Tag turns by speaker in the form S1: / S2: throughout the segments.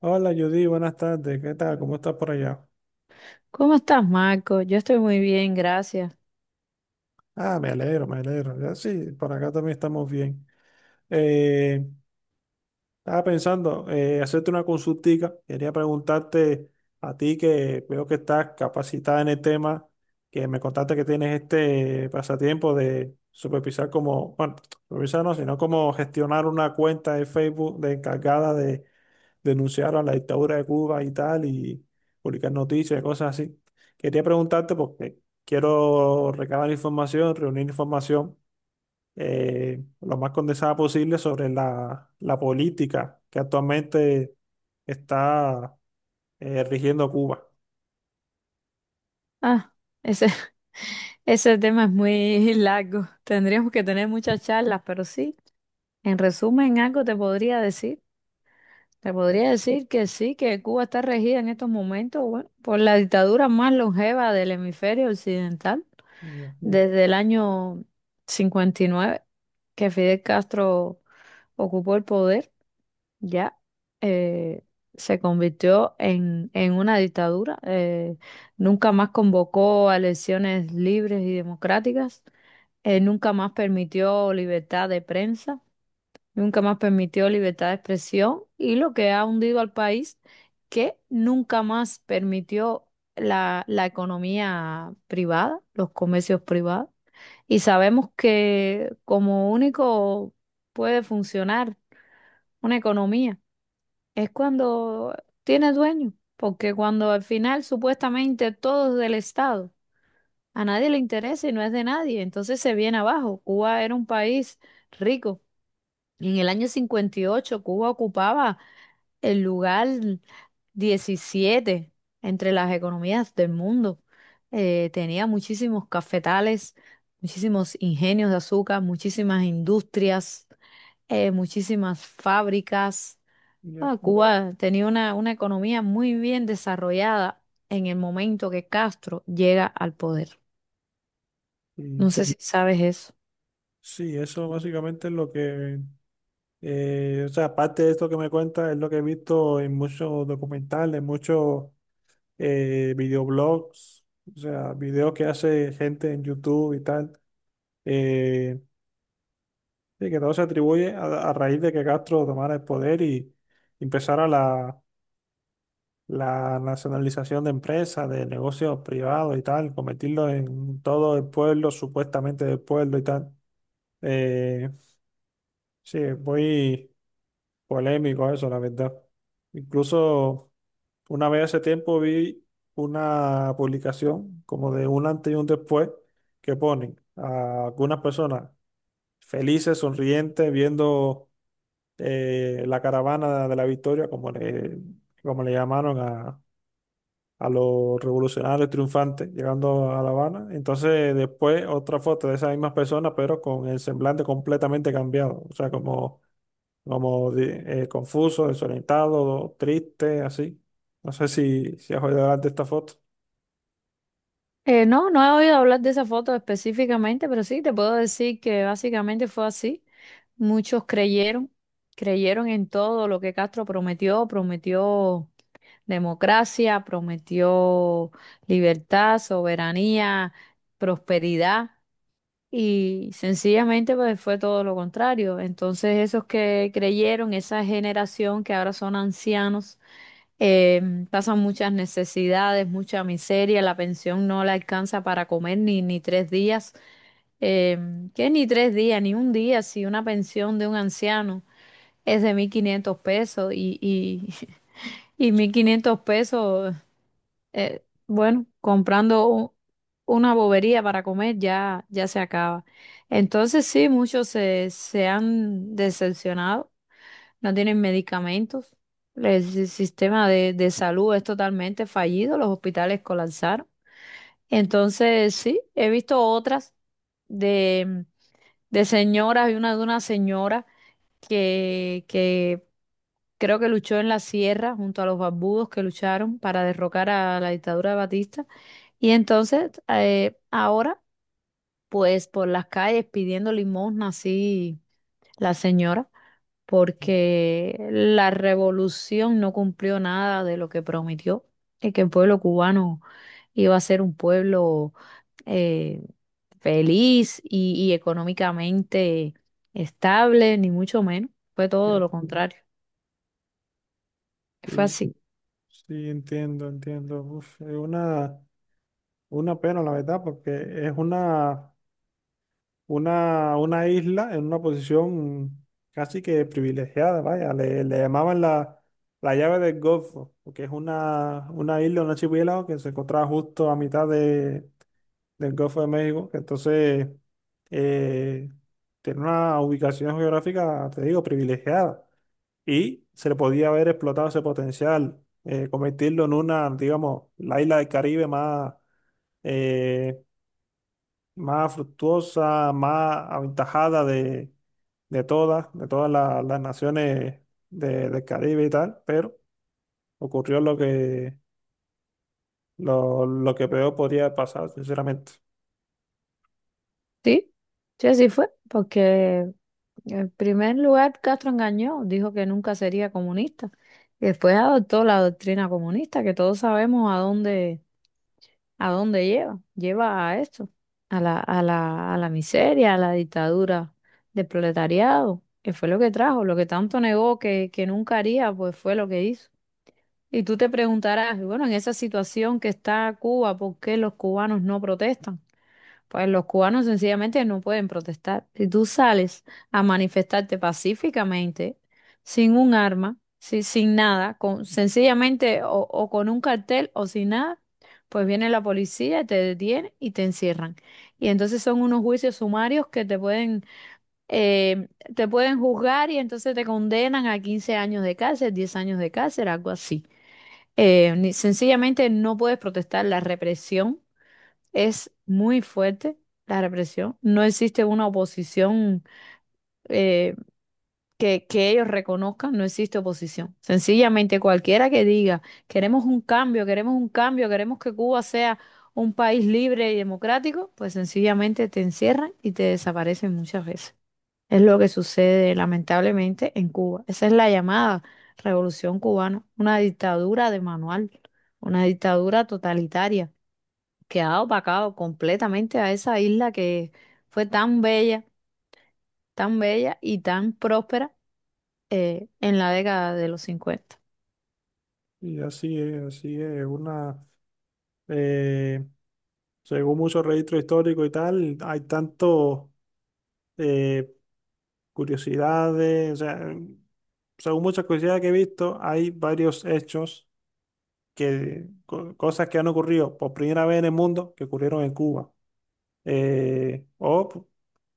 S1: Hola Judy, buenas tardes. ¿Qué tal? ¿Cómo estás por allá?
S2: ¿Cómo estás, Marco? Yo estoy muy bien, gracias.
S1: Ah, me alegro, me alegro. Ya sí, por acá también estamos bien. Eh, estaba pensando hacerte una consultica. Quería preguntarte a ti que veo que estás capacitada en el tema, que me contaste que tienes este pasatiempo de supervisar como, bueno, supervisar no, sino como gestionar una cuenta de Facebook de encargada de denunciaron la dictadura de Cuba y tal, y publicar noticias y cosas así. Quería preguntarte porque quiero recabar información, reunir información lo más condensada posible sobre la política que actualmente está rigiendo Cuba.
S2: Ah, ese, ese tema es muy largo. Tendríamos que tener muchas charlas, pero sí, en resumen, algo te podría decir. Te podría decir que sí, que Cuba está regida en estos momentos, bueno, por la dictadura más longeva del hemisferio occidental,
S1: Ya,
S2: desde el año 59, que Fidel Castro ocupó el poder. ya eh, Se convirtió en una dictadura. Nunca más convocó a elecciones libres y democráticas. Nunca más permitió libertad de prensa. Nunca más permitió libertad de expresión. Y lo que ha hundido al país, que nunca más permitió la economía privada, los comercios privados. Y sabemos que como único puede funcionar una economía es cuando tiene dueño, porque cuando al final supuestamente todo es del Estado, a nadie le interesa y no es de nadie, entonces se viene abajo. Cuba era un país rico. En el año 58 Cuba ocupaba el lugar 17 entre las economías del mundo. Tenía muchísimos cafetales, muchísimos ingenios de azúcar, muchísimas industrias, muchísimas fábricas.
S1: ya.
S2: Cuba tenía una economía muy bien desarrollada en el momento que Castro llega al poder.
S1: Y
S2: No sé si sabes eso.
S1: sí, eso básicamente es lo o sea, aparte de esto que me cuenta, es lo que he visto en muchos documentales, muchos videoblogs, o sea, videos que hace gente en YouTube y tal, eh, y que todo se atribuye a raíz de que Castro tomara el poder y empezara la nacionalización de empresas, de negocios privados y tal, convertirlo en todo el pueblo, supuestamente del pueblo y tal. Eh, sí, es muy polémico eso, la verdad. Incluso, una vez hace tiempo vi una publicación como de un antes y un después que ponen a algunas personas felices, sonrientes, viendo la caravana de la victoria, como como le llamaron a los revolucionarios triunfantes llegando a La Habana. Entonces después otra foto de esas mismas personas, pero con el semblante completamente cambiado, o sea, como confuso, desorientado, triste, así. No sé si has oído hablar de esta foto.
S2: No, no he oído hablar de esa foto específicamente, pero sí te puedo decir que básicamente fue así. Muchos creyeron, creyeron en todo lo que Castro prometió, prometió democracia, prometió libertad, soberanía, prosperidad. Y sencillamente pues fue todo lo contrario. Entonces esos que creyeron, esa generación que ahora son ancianos, pasan muchas necesidades, mucha miseria, la pensión no la alcanza para comer ni tres días, eh, que ni tres días, ni un día, si una pensión de un anciano es de 1500 pesos y y 1500 pesos bueno, comprando una bobería para comer ya, ya se acaba. Entonces sí, muchos se han decepcionado, no tienen medicamentos, el sistema de salud es totalmente fallido, los hospitales colapsaron. Entonces sí, he visto otras de, de señoras, y una de una señora que creo que luchó en la sierra junto a los barbudos que lucharon para derrocar a la dictadura de Batista. Y entonces, ahora, pues por las calles pidiendo limosna, así la señora, porque la revolución no cumplió nada de lo que prometió, y que el pueblo cubano iba a ser un pueblo eh, feliz y económicamente estable, ni mucho menos. Fue todo
S1: Ya,
S2: lo contrario. Fue
S1: sí,
S2: así.
S1: sí, entiendo, entiendo. Uf, es una pena, la verdad, porque es una, una isla en una posición casi que privilegiada, vaya. Le llamaban la llave del Golfo, porque es una isla, una archipiélago que se encontraba justo a mitad del Golfo de México. Entonces, eh, tiene una ubicación geográfica, te digo, privilegiada y se le podía haber explotado ese potencial, convertirlo en una, digamos, la isla del Caribe más, eh, más fructuosa, más aventajada de todas las naciones del Caribe y tal, pero ocurrió lo lo que peor podría pasar, sinceramente.
S2: Sí, sí, así fue, porque en primer lugar Castro engañó, dijo que nunca sería comunista, y después adoptó la doctrina comunista, que todos sabemos a dónde lleva, lleva a esto, a la miseria, a la dictadura del proletariado, que fue lo que trajo, lo que tanto negó que nunca haría, pues fue lo que hizo. Y tú te preguntarás, bueno, en esa situación que está Cuba, ¿por qué los cubanos no protestan? Pues los cubanos sencillamente no pueden protestar. Si tú sales a manifestarte pacíficamente, sin un arma, sin nada, con, sencillamente o con un cartel o sin nada, pues viene la policía, te detiene y te encierran. Y entonces son unos juicios sumarios que eh, te pueden juzgar y entonces te condenan a 15 años de cárcel, 10 años de cárcel, algo así. Sencillamente no puedes protestar, la represión es muy fuerte, la represión. No existe una oposición eh, que ellos reconozcan, no existe oposición. Sencillamente cualquiera que diga, queremos un cambio, queremos un cambio, queremos que Cuba sea un país libre y democrático, pues sencillamente te encierran y te desaparecen muchas veces. Es lo que sucede lamentablemente en Cuba. Esa es la llamada revolución cubana, una dictadura de manual, una dictadura totalitaria quedado opacado completamente a esa isla que fue tan bella y tan próspera en la década de los 50.
S1: Y así es, una... Eh, según muchos registros históricos y tal, hay tanto eh, curiosidades, o sea, según muchas curiosidades que he visto, hay varios hechos cosas que han ocurrido por primera vez en el mundo que ocurrieron en Cuba, eh, o p-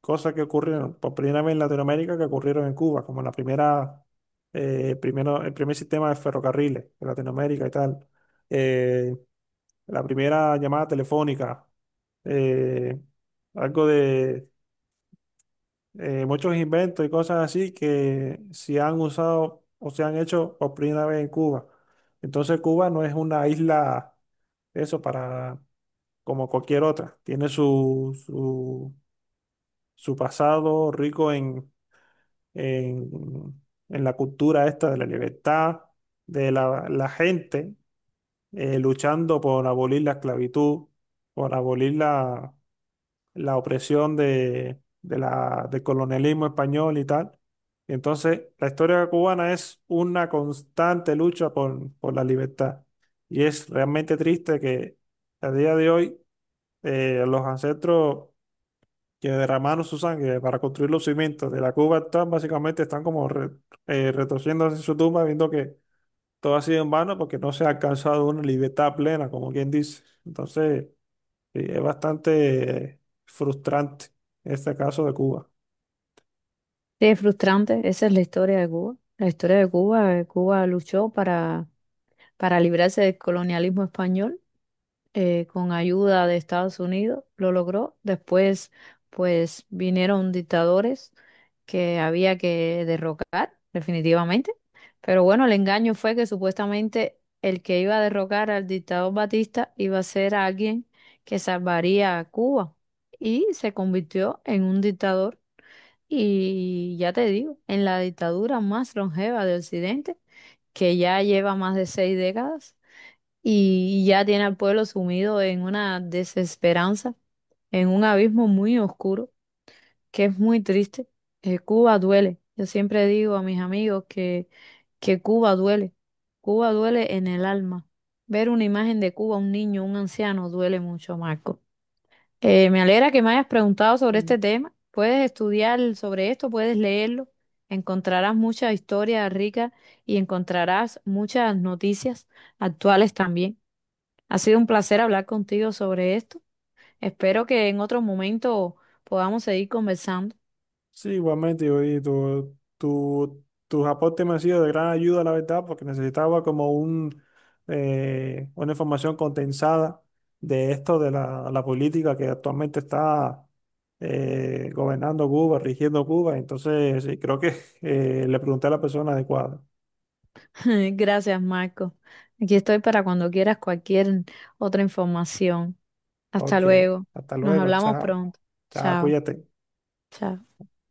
S1: cosas que ocurrieron por primera vez en Latinoamérica que ocurrieron en Cuba, como la primera, primero, el primer sistema de ferrocarriles en Latinoamérica y tal. Eh, la primera llamada telefónica, eh, algo de muchos inventos y cosas así que se han usado o se han hecho por primera vez en Cuba. Entonces Cuba no es una isla, eso, para como cualquier otra. Tiene su, su pasado rico en, en, en la cultura esta de la libertad, de la gente luchando por abolir la esclavitud, por abolir la la opresión de del colonialismo español y tal. Y entonces la historia cubana es una constante lucha por la libertad. Y es realmente triste que a día de hoy los ancestros que derramaron su sangre para construir los cimientos de la Cuba actual básicamente están como retorciéndose en su tumba viendo que todo ha sido en vano porque no se ha alcanzado una libertad plena, como quien dice. Entonces, sí, es bastante frustrante este caso de Cuba.
S2: Sí, es frustrante, esa es la historia de Cuba. La historia de Cuba, Cuba luchó para librarse del colonialismo español con ayuda de Estados Unidos, lo logró. Después, pues vinieron dictadores que había que derrocar, definitivamente. Pero bueno, el engaño fue que supuestamente el que iba a derrocar al dictador Batista iba a ser alguien que salvaría a Cuba. Y se convirtió en un dictador y ya te digo, en la dictadura más longeva de Occidente, que ya lleva más de 6 décadas y ya tiene al pueblo sumido en una desesperanza, en un abismo muy oscuro, que es muy triste. Cuba duele. Yo siempre digo a mis amigos que Cuba duele. Cuba duele en el alma. Ver una imagen de Cuba, un niño, un anciano, duele mucho, Marco. Me alegra que me hayas preguntado sobre
S1: Mm.
S2: este tema. Puedes estudiar sobre esto, puedes leerlo. Encontrarás mucha historia rica y encontrarás muchas noticias actuales también. Ha sido un placer hablar contigo sobre esto. Espero que en otro momento podamos seguir conversando.
S1: Sí, igualmente, yo y tus aportes me han sido de gran ayuda, la verdad, porque necesitaba como un, una información condensada de esto, de la política que actualmente está gobernando Cuba, rigiendo Cuba. Entonces, sí, creo que le pregunté a la persona adecuada.
S2: Gracias, Marco. Aquí estoy para cuando quieras cualquier otra información. Hasta
S1: Ok,
S2: luego.
S1: hasta
S2: Nos
S1: luego,
S2: hablamos
S1: chao.
S2: pronto.
S1: Chao,
S2: Chao,
S1: cuídate.
S2: chao.